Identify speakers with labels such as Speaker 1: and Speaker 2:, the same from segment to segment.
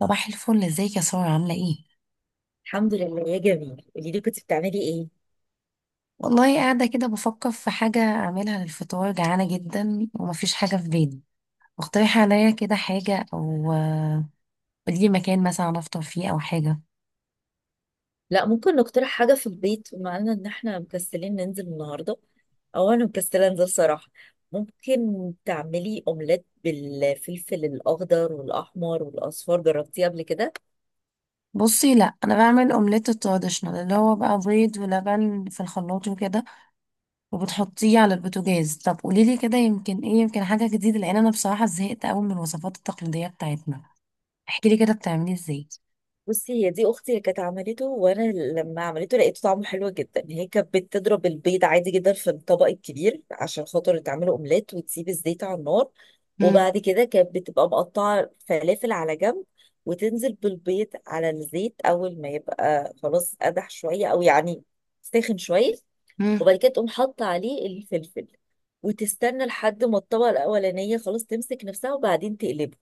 Speaker 1: صباح الفل، ازيك يا سارة؟ عاملة ايه؟
Speaker 2: الحمد لله يا جميل، قولي لي كنت بتعملي ايه؟
Speaker 1: والله قاعدة كده بفكر في حاجة أعملها للفطار، جعانة جدا ومفيش حاجة في بالي. اقترحي عليا كده حاجة أو قوليلي مكان مثلا أنا أفطر فيه أو حاجة.
Speaker 2: لا، ممكن نقترح حاجه في البيت بما إن احنا مكسلين ننزل النهارده، او انا مكسله انزل صراحه. ممكن تعملي اومليت بالفلفل الاخضر والاحمر والاصفر. جربتيه قبل كده؟
Speaker 1: بصي، لأ، أنا بعمل أومليت التراديشنال اللي هو بقى بيض ولبن في الخلاط وكده، وبتحطيه على البوتاجاز. طب قوليلي كده يمكن ايه، يمكن حاجة جديدة، لأن أنا بصراحة زهقت أوي من الوصفات التقليدية بتاعتنا. احكيلي كده بتعمليه ازاي.
Speaker 2: بصي، هي دي اختي اللي كانت عملته، وانا لما عملته لقيته طعمه حلو جدا. هي كانت بتضرب البيض عادي جدا في الطبق الكبير عشان خاطر تعمله اومليت، وتسيب الزيت على النار.
Speaker 1: مم،
Speaker 2: وبعد كده كانت بتبقى مقطعه فلافل على جنب، وتنزل بالبيض على الزيت اول ما يبقى خلاص قدح شويه، او يعني ساخن شويه.
Speaker 1: مم،
Speaker 2: وبعد كده تقوم حاطه عليه الفلفل، وتستنى لحد ما الطبقه الاولانيه خلاص تمسك نفسها، وبعدين تقلبه.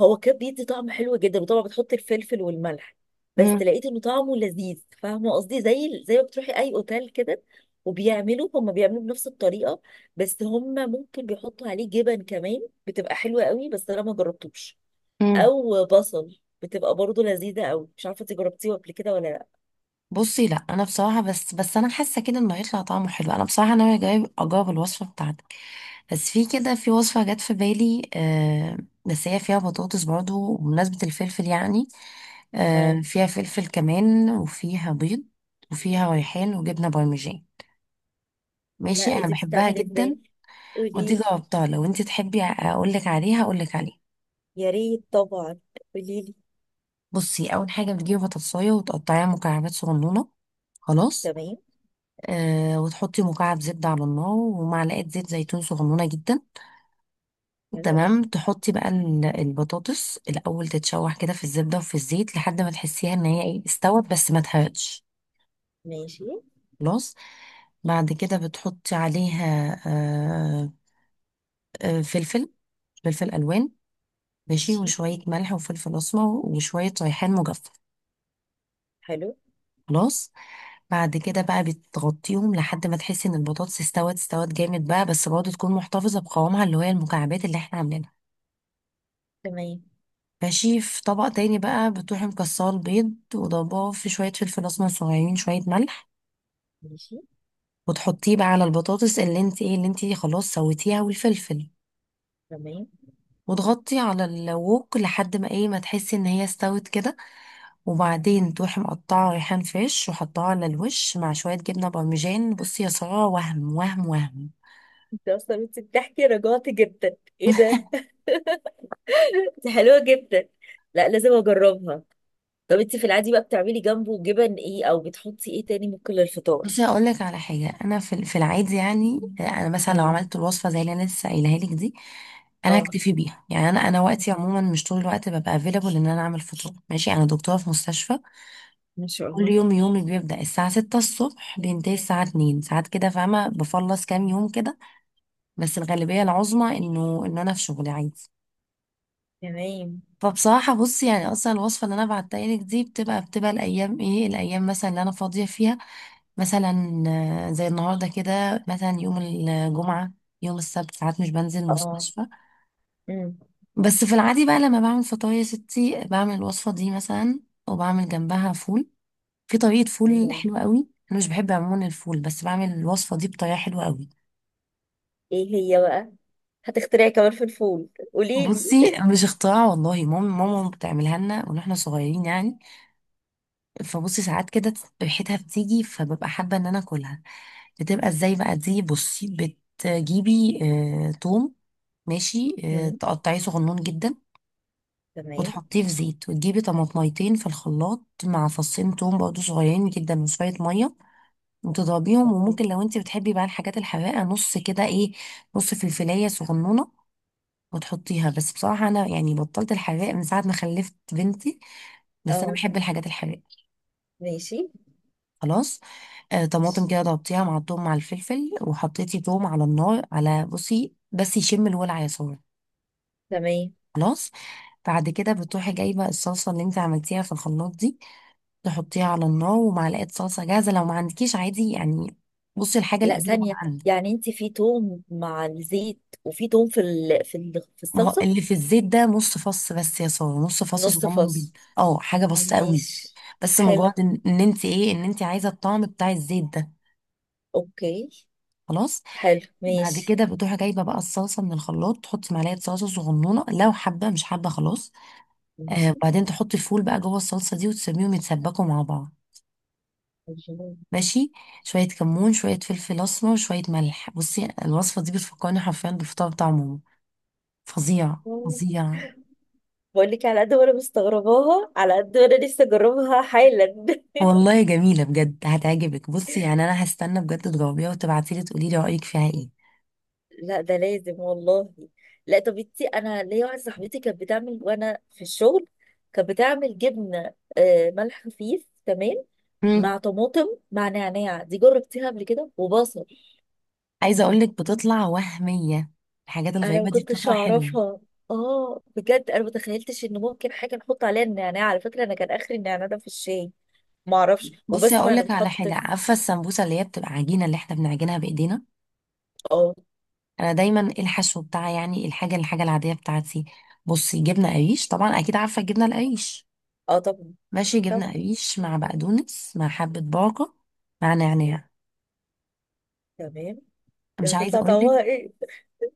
Speaker 2: هو كان بيدي طعم حلو جدا، وطبعا بتحط الفلفل والملح. بس
Speaker 1: مم،
Speaker 2: لقيت انه طعمه لذيذ. فاهمه قصدي؟ زي ما بتروحي اي اوتيل كده، وبيعملوا هم بيعملوا بنفس الطريقه. بس هم ممكن بيحطوا عليه جبن كمان، بتبقى حلوه قوي، بس انا ما جربتوش.
Speaker 1: مم.
Speaker 2: او بصل، بتبقى برضه لذيذه قوي. مش عارفه انت جربتيه قبل كده ولا لا.
Speaker 1: بصي، لا، انا بصراحه بس انا حاسه كده انه هيطلع طعمه حلو. انا بصراحه انا جايب اجاوب الوصفه بتاعتك، بس في كده في وصفه جت في بالي. بس هي فيها بطاطس برضو، بمناسبه الفلفل يعني.
Speaker 2: اه.
Speaker 1: آه، فيها فلفل كمان وفيها بيض، وفيها ريحان وجبنه بارميجان. ماشي،
Speaker 2: لا، إيه
Speaker 1: انا
Speaker 2: دي
Speaker 1: بحبها
Speaker 2: بتتعمل
Speaker 1: جدا.
Speaker 2: ازاي؟
Speaker 1: ودي
Speaker 2: قوليلي.
Speaker 1: جربتها، لو انت تحبي اقول لك عليها اقول لك عليها.
Speaker 2: يا ريت طبعا. قوليلي.
Speaker 1: بصي، اول حاجه بتجيبي بطاطسايه وتقطعيها مكعبات صغنونه. خلاص،
Speaker 2: تمام.
Speaker 1: وتحطي مكعب زبدة على النار ومعلقة زيت زيتون صغنونة جدا.
Speaker 2: حلو.
Speaker 1: تمام، تحطي بقى البطاطس الأول تتشوح كده في الزبدة وفي الزيت، لحد ما تحسيها إن هي إيه، استوت بس ما اتحرقتش.
Speaker 2: ماشي.
Speaker 1: خلاص، بعد كده بتحطي عليها فلفل، فلفل ألوان. ماشي،
Speaker 2: ماشي.
Speaker 1: وشوية ملح وفلفل أسمر وشوية ريحان مجفف.
Speaker 2: حلو.
Speaker 1: خلاص، بعد كده بقى بتغطيهم لحد ما تحسي ان البطاطس استوت، استوت جامد بقى، بس برضه تكون محتفظة بقوامها اللي هي المكعبات اللي احنا عاملينها.
Speaker 2: تمام.
Speaker 1: ماشي، في طبق تاني بقى بتروحي مكسرة البيض وضرباه في شوية فلفل أسمر صغيرين، شوية ملح.
Speaker 2: ماشي.
Speaker 1: وتحطيه بقى على البطاطس اللي انت ايه، اللي انت خلاص سويتيها، والفلفل.
Speaker 2: تمام.
Speaker 1: وتغطي على الووك لحد ما ايه، ما تحسي ان هي استوت كده. وبعدين تروحي مقطعة ريحان فريش وحطها على الوش مع شوية جبنة بارميجان. بصي يا سارة، وهم وهم وهم.
Speaker 2: انت اصلا بتحكي رجعتي جدا. ايه ده. انت حلوه جدا. لا، لازم اجربها. طب انت في العادي بقى بتعملي جنبه جبن ايه، او بتحطي ايه تاني ممكن للفطار؟
Speaker 1: بصي، هقول لك على حاجه، انا في في العادي، يعني انا مثلا لو
Speaker 2: مم.
Speaker 1: عملت الوصفه زي اللي انا لسه قايلها لك دي، انا
Speaker 2: اه.
Speaker 1: هكتفي بيها. يعني انا وقتي عموما مش طول الوقت ببقى افيلابل ان انا اعمل فطور. ماشي، انا دكتوره في مستشفى.
Speaker 2: ما شاء
Speaker 1: كل
Speaker 2: الله.
Speaker 1: يوم يومي بيبدا الساعه 6 الصبح، بينتهي الساعه 2، ساعات كده فاهمه بخلص كام يوم كده، بس الغالبيه العظمى انه ان انا في شغلي عادي.
Speaker 2: تمام.
Speaker 1: فبصراحه، بصي يعني اصلا الوصفه اللي انا بعتها لك دي بتبقى، الايام ايه، الايام مثلا اللي انا فاضيه فيها، مثلا زي النهارده كده، مثلا يوم الجمعة، يوم السبت ساعات مش بنزل
Speaker 2: اه.
Speaker 1: المستشفى.
Speaker 2: مم.
Speaker 1: بس في العادي بقى لما بعمل فطاير يا ستي، بعمل الوصفة دي مثلا، وبعمل جنبها فول. في طريقة فول
Speaker 2: الله.
Speaker 1: حلوة قوي، انا مش بحب عموما الفول بس بعمل الوصفة دي بطريقة حلوة قوي.
Speaker 2: ايه هي بقى؟ هتخترعي كمان في الفول؟ قولي لي.
Speaker 1: بصي، مش اختراع والله، ماما بتعملها لنا واحنا صغيرين يعني. فبصي، ساعات كده ريحتها بتيجي فببقى حابة ان انا اكلها. بتبقى ازاي بقى دي؟ بصي، بتجيبي توم، ماشي،
Speaker 2: مم.
Speaker 1: تقطعيه صغنون جدا،
Speaker 2: تمام.
Speaker 1: وتحطيه في زيت، وتجيبي طماطميتين في الخلاط مع فصين توم برضه صغيرين جدا، وشوية مية، وتضربيهم.
Speaker 2: اوكي.
Speaker 1: وممكن لو انت بتحبي بقى الحاجات الحراقة، نص كده ايه، نص فلفلاية صغنونة، وتحطيها. بس بصراحة أنا يعني بطلت الحراق من ساعة ما خلفت بنتي، بس أنا
Speaker 2: اه.
Speaker 1: بحب الحاجات الحراقة.
Speaker 2: ماشي.
Speaker 1: خلاص، آه، طماطم
Speaker 2: ماشي.
Speaker 1: كده ضربتيها مع التوم مع الفلفل، وحطيتي توم على النار، على بصي، بس يشم الولع يا سارة.
Speaker 2: تمام.
Speaker 1: خلاص، بعد كده بتروحي جايبه الصلصه اللي انت عملتيها في الخلاط دي، تحطيها على النار، ومعلقه صلصه جاهزه لو ما عندكيش عادي يعني. بصي الحاجه
Speaker 2: لا،
Speaker 1: الافيلابل
Speaker 2: ثانية.
Speaker 1: عندك.
Speaker 2: يعني انت في توم مع الزيت، وفي توم في ال... في ال... في
Speaker 1: ما هو
Speaker 2: الصلصة
Speaker 1: اللي في الزيت ده نص فص بس يا ساره، نص فص
Speaker 2: نص
Speaker 1: صغنن
Speaker 2: فص.
Speaker 1: جدا، اه حاجه بسيطه قوي،
Speaker 2: ماشي.
Speaker 1: بس
Speaker 2: حلو.
Speaker 1: مجرد ان إن انت ايه، ان انت عايزه الطعم بتاع الزيت ده.
Speaker 2: اوكي.
Speaker 1: خلاص،
Speaker 2: حلو.
Speaker 1: بعد
Speaker 2: ماشي.
Speaker 1: كده بتروحي جايبه بقى الصلصه من الخلاط، تحطي معلقه صلصه صغنونه لو حابه، مش حابه خلاص. آه،
Speaker 2: ماشي.
Speaker 1: وبعدين تحطي الفول بقى جوه الصلصه دي، وتسيبيهم يتسبكوا مع بعض.
Speaker 2: الجمال.
Speaker 1: ماشي، شوية كمون، شوية فلفل أسمر، شوية ملح. بصي الوصفة دي بتفكرني حرفيا بالفطار بتاع ماما. فظيع،
Speaker 2: بقول
Speaker 1: فظيع.
Speaker 2: لك، على قد ما انا مستغرباها على قد ما انا لسه اجربها حالا.
Speaker 1: والله جميلة بجد، هتعجبك. بصي يعني أنا هستنى بجد تجاوبيها وتبعتيلي تقولي لي رأيك فيها إيه.
Speaker 2: لا، ده لازم والله. لا، طب انا ليا واحده صاحبتي كانت بتعمل وانا في الشغل. كانت بتعمل جبنه، ملح خفيف، تمام.
Speaker 1: مم.
Speaker 2: مع طماطم. مع نعناع. دي جربتيها قبل كده؟ وبصل.
Speaker 1: عايزة أقولك بتطلع وهمية، الحاجات
Speaker 2: انا ما
Speaker 1: الغريبة دي
Speaker 2: كنتش
Speaker 1: بتطلع حلوة.
Speaker 2: اعرفها. اه بجد، انا ما تخيلتش ان ممكن حاجه نحط عليها النعناع. على فكره انا كان اخري النعناع ده في الشاي. ما اعرفش،
Speaker 1: بصي
Speaker 2: وبسمع انه
Speaker 1: هقولك على
Speaker 2: بيتحط
Speaker 1: حاجة،
Speaker 2: في.
Speaker 1: عارفة السمبوسة اللي هي بتبقى عجينة اللي احنا بنعجنها بإيدينا؟
Speaker 2: اه.
Speaker 1: أنا دايما الحشو بتاعي، يعني الحاجة العادية بتاعتي، بصي جبنة قريش، طبعا أكيد عارفة الجبنة القريش.
Speaker 2: اه، طب.
Speaker 1: ماشي،
Speaker 2: طب.
Speaker 1: جبنة قريش مع بقدونس مع حبة باقة مع نعناع.
Speaker 2: تمام. دي
Speaker 1: مش عايزة
Speaker 2: هتطلع
Speaker 1: أقولك
Speaker 2: طعمها ايه؟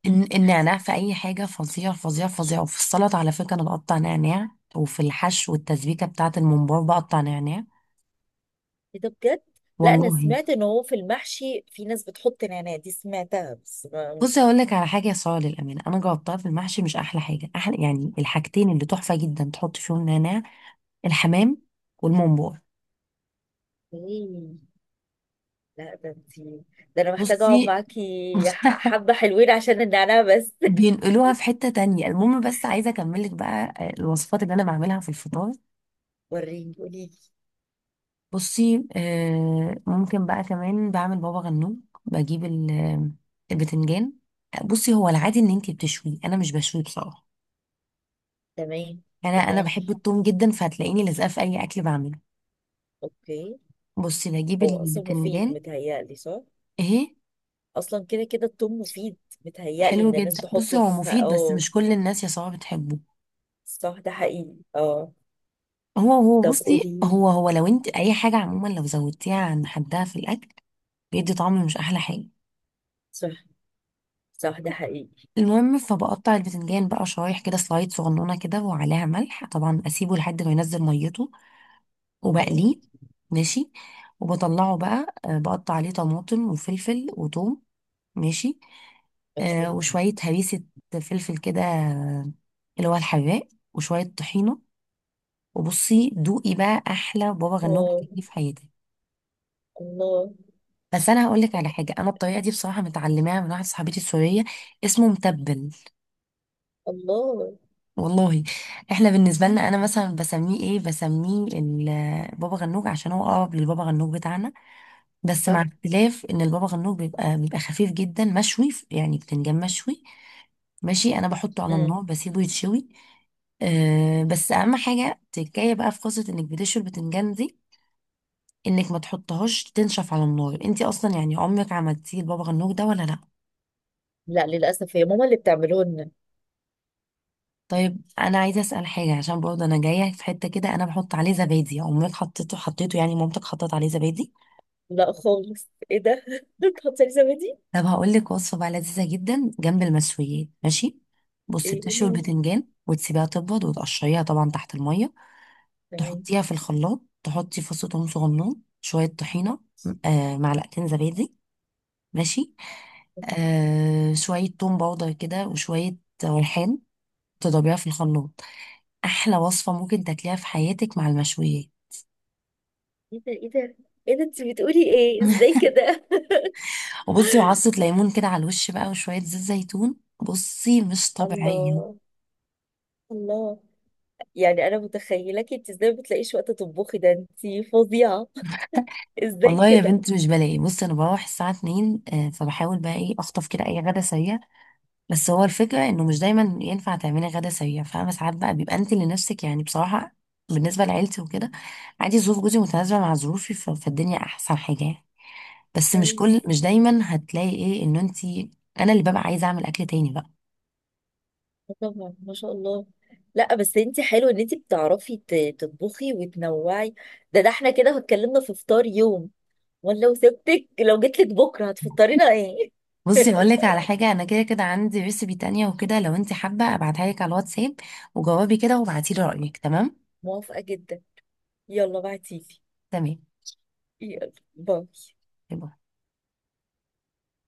Speaker 1: إن النعناع في أي حاجة فظيع، فظيع، فظيع. وفي السلطة على فكرة أنا بقطع نعناع، وفي الحشو والتسبيكة بتاعة الممبار بقطع نعناع.
Speaker 2: إيه ده بجد. لا،
Speaker 1: والله.
Speaker 2: انا سمعت ان هو في المحشي في ناس بتحط نعناع. دي سمعتها، بس ما.
Speaker 1: بصي أقول لك على حاجة يا سارة، للأمانة أنا جربتها في المحشي، مش أحلى حاجة. أحلى يعني الحاجتين اللي تحفة جدا تحط فيهم نعناع: الحمام، والممبار.
Speaker 2: ايه. لا، ده انتي. ده انا محتاجه
Speaker 1: بصي
Speaker 2: اقعد معاكي. حبه حلوين عشان النعناع بس.
Speaker 1: بينقلوها في حتة تانية. المهم، بس عايزة أكملك بقى الوصفات اللي أنا بعملها في الفطار.
Speaker 2: وريني، قولي لي.
Speaker 1: بصي ممكن بقى كمان بعمل بابا غنوج. بجيب البتنجان. بصي هو العادي ان انتي بتشويه، انا مش بشويه بصراحه.
Speaker 2: تمام.
Speaker 1: انا
Speaker 2: امال.
Speaker 1: بحب التوم جدا، فهتلاقيني لازقه في اي اكل بعمله.
Speaker 2: اوكي.
Speaker 1: بصي، بجيب
Speaker 2: هو اصلا مفيد
Speaker 1: البتنجان.
Speaker 2: متهيألي، صح؟
Speaker 1: اهي،
Speaker 2: اصلا كده كده التوم مفيد. متهيألي
Speaker 1: حلو
Speaker 2: ان الناس
Speaker 1: جدا. بصي
Speaker 2: تحطه
Speaker 1: هو
Speaker 2: في
Speaker 1: مفيد بس
Speaker 2: اه
Speaker 1: مش كل الناس يا صباح بتحبه.
Speaker 2: صح، ده حقيقي، اه.
Speaker 1: هو
Speaker 2: طب
Speaker 1: بصي،
Speaker 2: قولي.
Speaker 1: هو لو انت اي حاجه عموما لو زودتيها عن حدها في الاكل، بيدي طعم مش احلى حاجه.
Speaker 2: صح. صح، ده حقيقي.
Speaker 1: المهم، فبقطع البتنجان بقى شرايح كده، سلايد صغنونه كده، وعليها ملح طبعا، اسيبه لحد ما ينزل ميته،
Speaker 2: تمام.
Speaker 1: وبقليه. ماشي، وبطلعه بقى، بقطع عليه طماطم وفلفل وثوم. ماشي، آه،
Speaker 2: اوكي.
Speaker 1: وشويه هريسه، فلفل كده اللي هو الحراق، وشويه طحينه. وبصي، دوقي بقى احلى بابا غنوج
Speaker 2: واو.
Speaker 1: هتاكليه في حياتك.
Speaker 2: الله.
Speaker 1: بس انا هقول لك على حاجه، انا الطريقه دي بصراحه متعلماها من واحده صاحبتي السوريه، اسمه متبل.
Speaker 2: الله.
Speaker 1: والله. احنا بالنسبه لنا، انا مثلا بسميه ايه، بسميه بابا غنوج، عشان هو اقرب للبابا غنوج بتاعنا. بس
Speaker 2: صح.
Speaker 1: مع اختلاف ان البابا غنوج بيبقى، خفيف جدا مشوي، يعني بتنجان مشوي. ماشي، انا بحطه على النار
Speaker 2: امم.
Speaker 1: بسيبه يتشوي. أه بس اهم حاجه تكايه بقى في قصه انك بتشوي البتنجان دي، انك ما تحطهاش تنشف على النار. انت اصلا يعني عمرك عملتيه البابا غنوج ده ولا لا؟
Speaker 2: لا، للاسف هي ماما اللي بتعمله لنا.
Speaker 1: طيب انا عايزه اسال حاجه، عشان برضه انا جايه في حته كده، انا بحط عليه زبادي. امك حطيته، يعني مامتك حطت عليه زبادي؟
Speaker 2: لا خالص، ايه ده. بتحطي لي زبادي؟
Speaker 1: طب هقول لك وصفه بقى لذيذه جدا جنب المشويات. ماشي، بصي
Speaker 2: ايه، قولي
Speaker 1: بتشوي
Speaker 2: لي.
Speaker 1: البتنجان وتسيبيها تبرد وتقشريها طبعا تحت الميه.
Speaker 2: تمام.
Speaker 1: تحطيها في الخلاط، تحطي فص ثوم صغنون، شويه طحينه، آه معلقتين زبادي، ماشي، آه شويه توم باودر كده، وشويه ريحان، تضربيها في الخلاط. احلى وصفه ممكن تاكليها في حياتك مع المشويات.
Speaker 2: ايه ده، ايه ده، ايه ده. انت بتقولي ايه، ازاي كده؟
Speaker 1: وبصي، وعصة ليمون كده على الوش بقى، وشوية زيت زيتون. بصي مش
Speaker 2: الله.
Speaker 1: طبيعية.
Speaker 2: الله. يعني انا متخيلك انت ازاي ما بتلاقيش وقت تطبخي؟ ده انت فظيعه. ازاي
Speaker 1: والله يا
Speaker 2: كده؟
Speaker 1: بنتي مش بلاقي. بصي انا بروح الساعة 2، فبحاول بقى ايه، اخطف كده اي غدا سريع. بس هو الفكرة انه مش دايما ينفع تعملي غدا سريع، فاهمة. ساعات بقى بيبقى انت لنفسك يعني بصراحة. بالنسبة لعيلتي وكده عادي، ظروف جوزي متناسبة مع ظروفي، فالدنيا احسن حاجة يعني. بس مش كل،
Speaker 2: كويس.
Speaker 1: مش دايما هتلاقي ايه انه انت، انا اللي ببقى عايزة اعمل اكل تاني بقى.
Speaker 2: آه طبعا، ما شاء الله. لا بس، انت حلو ان انت بتعرفي تطبخي وتنوعي. ده احنا كده اتكلمنا في فطار يوم، ولا لو جيت لك بكره هتفطرينا ايه؟
Speaker 1: بصي هقول لك على حاجة، أنا كده كده عندي ريسبي تانية وكده، لو أنت حابة أبعتها لك على الواتساب وجوابي كده، وابعتي لي رأيك، تمام؟
Speaker 2: موافقه جدا. يلا، بعتيلي.
Speaker 1: تمام.
Speaker 2: يلا، باي.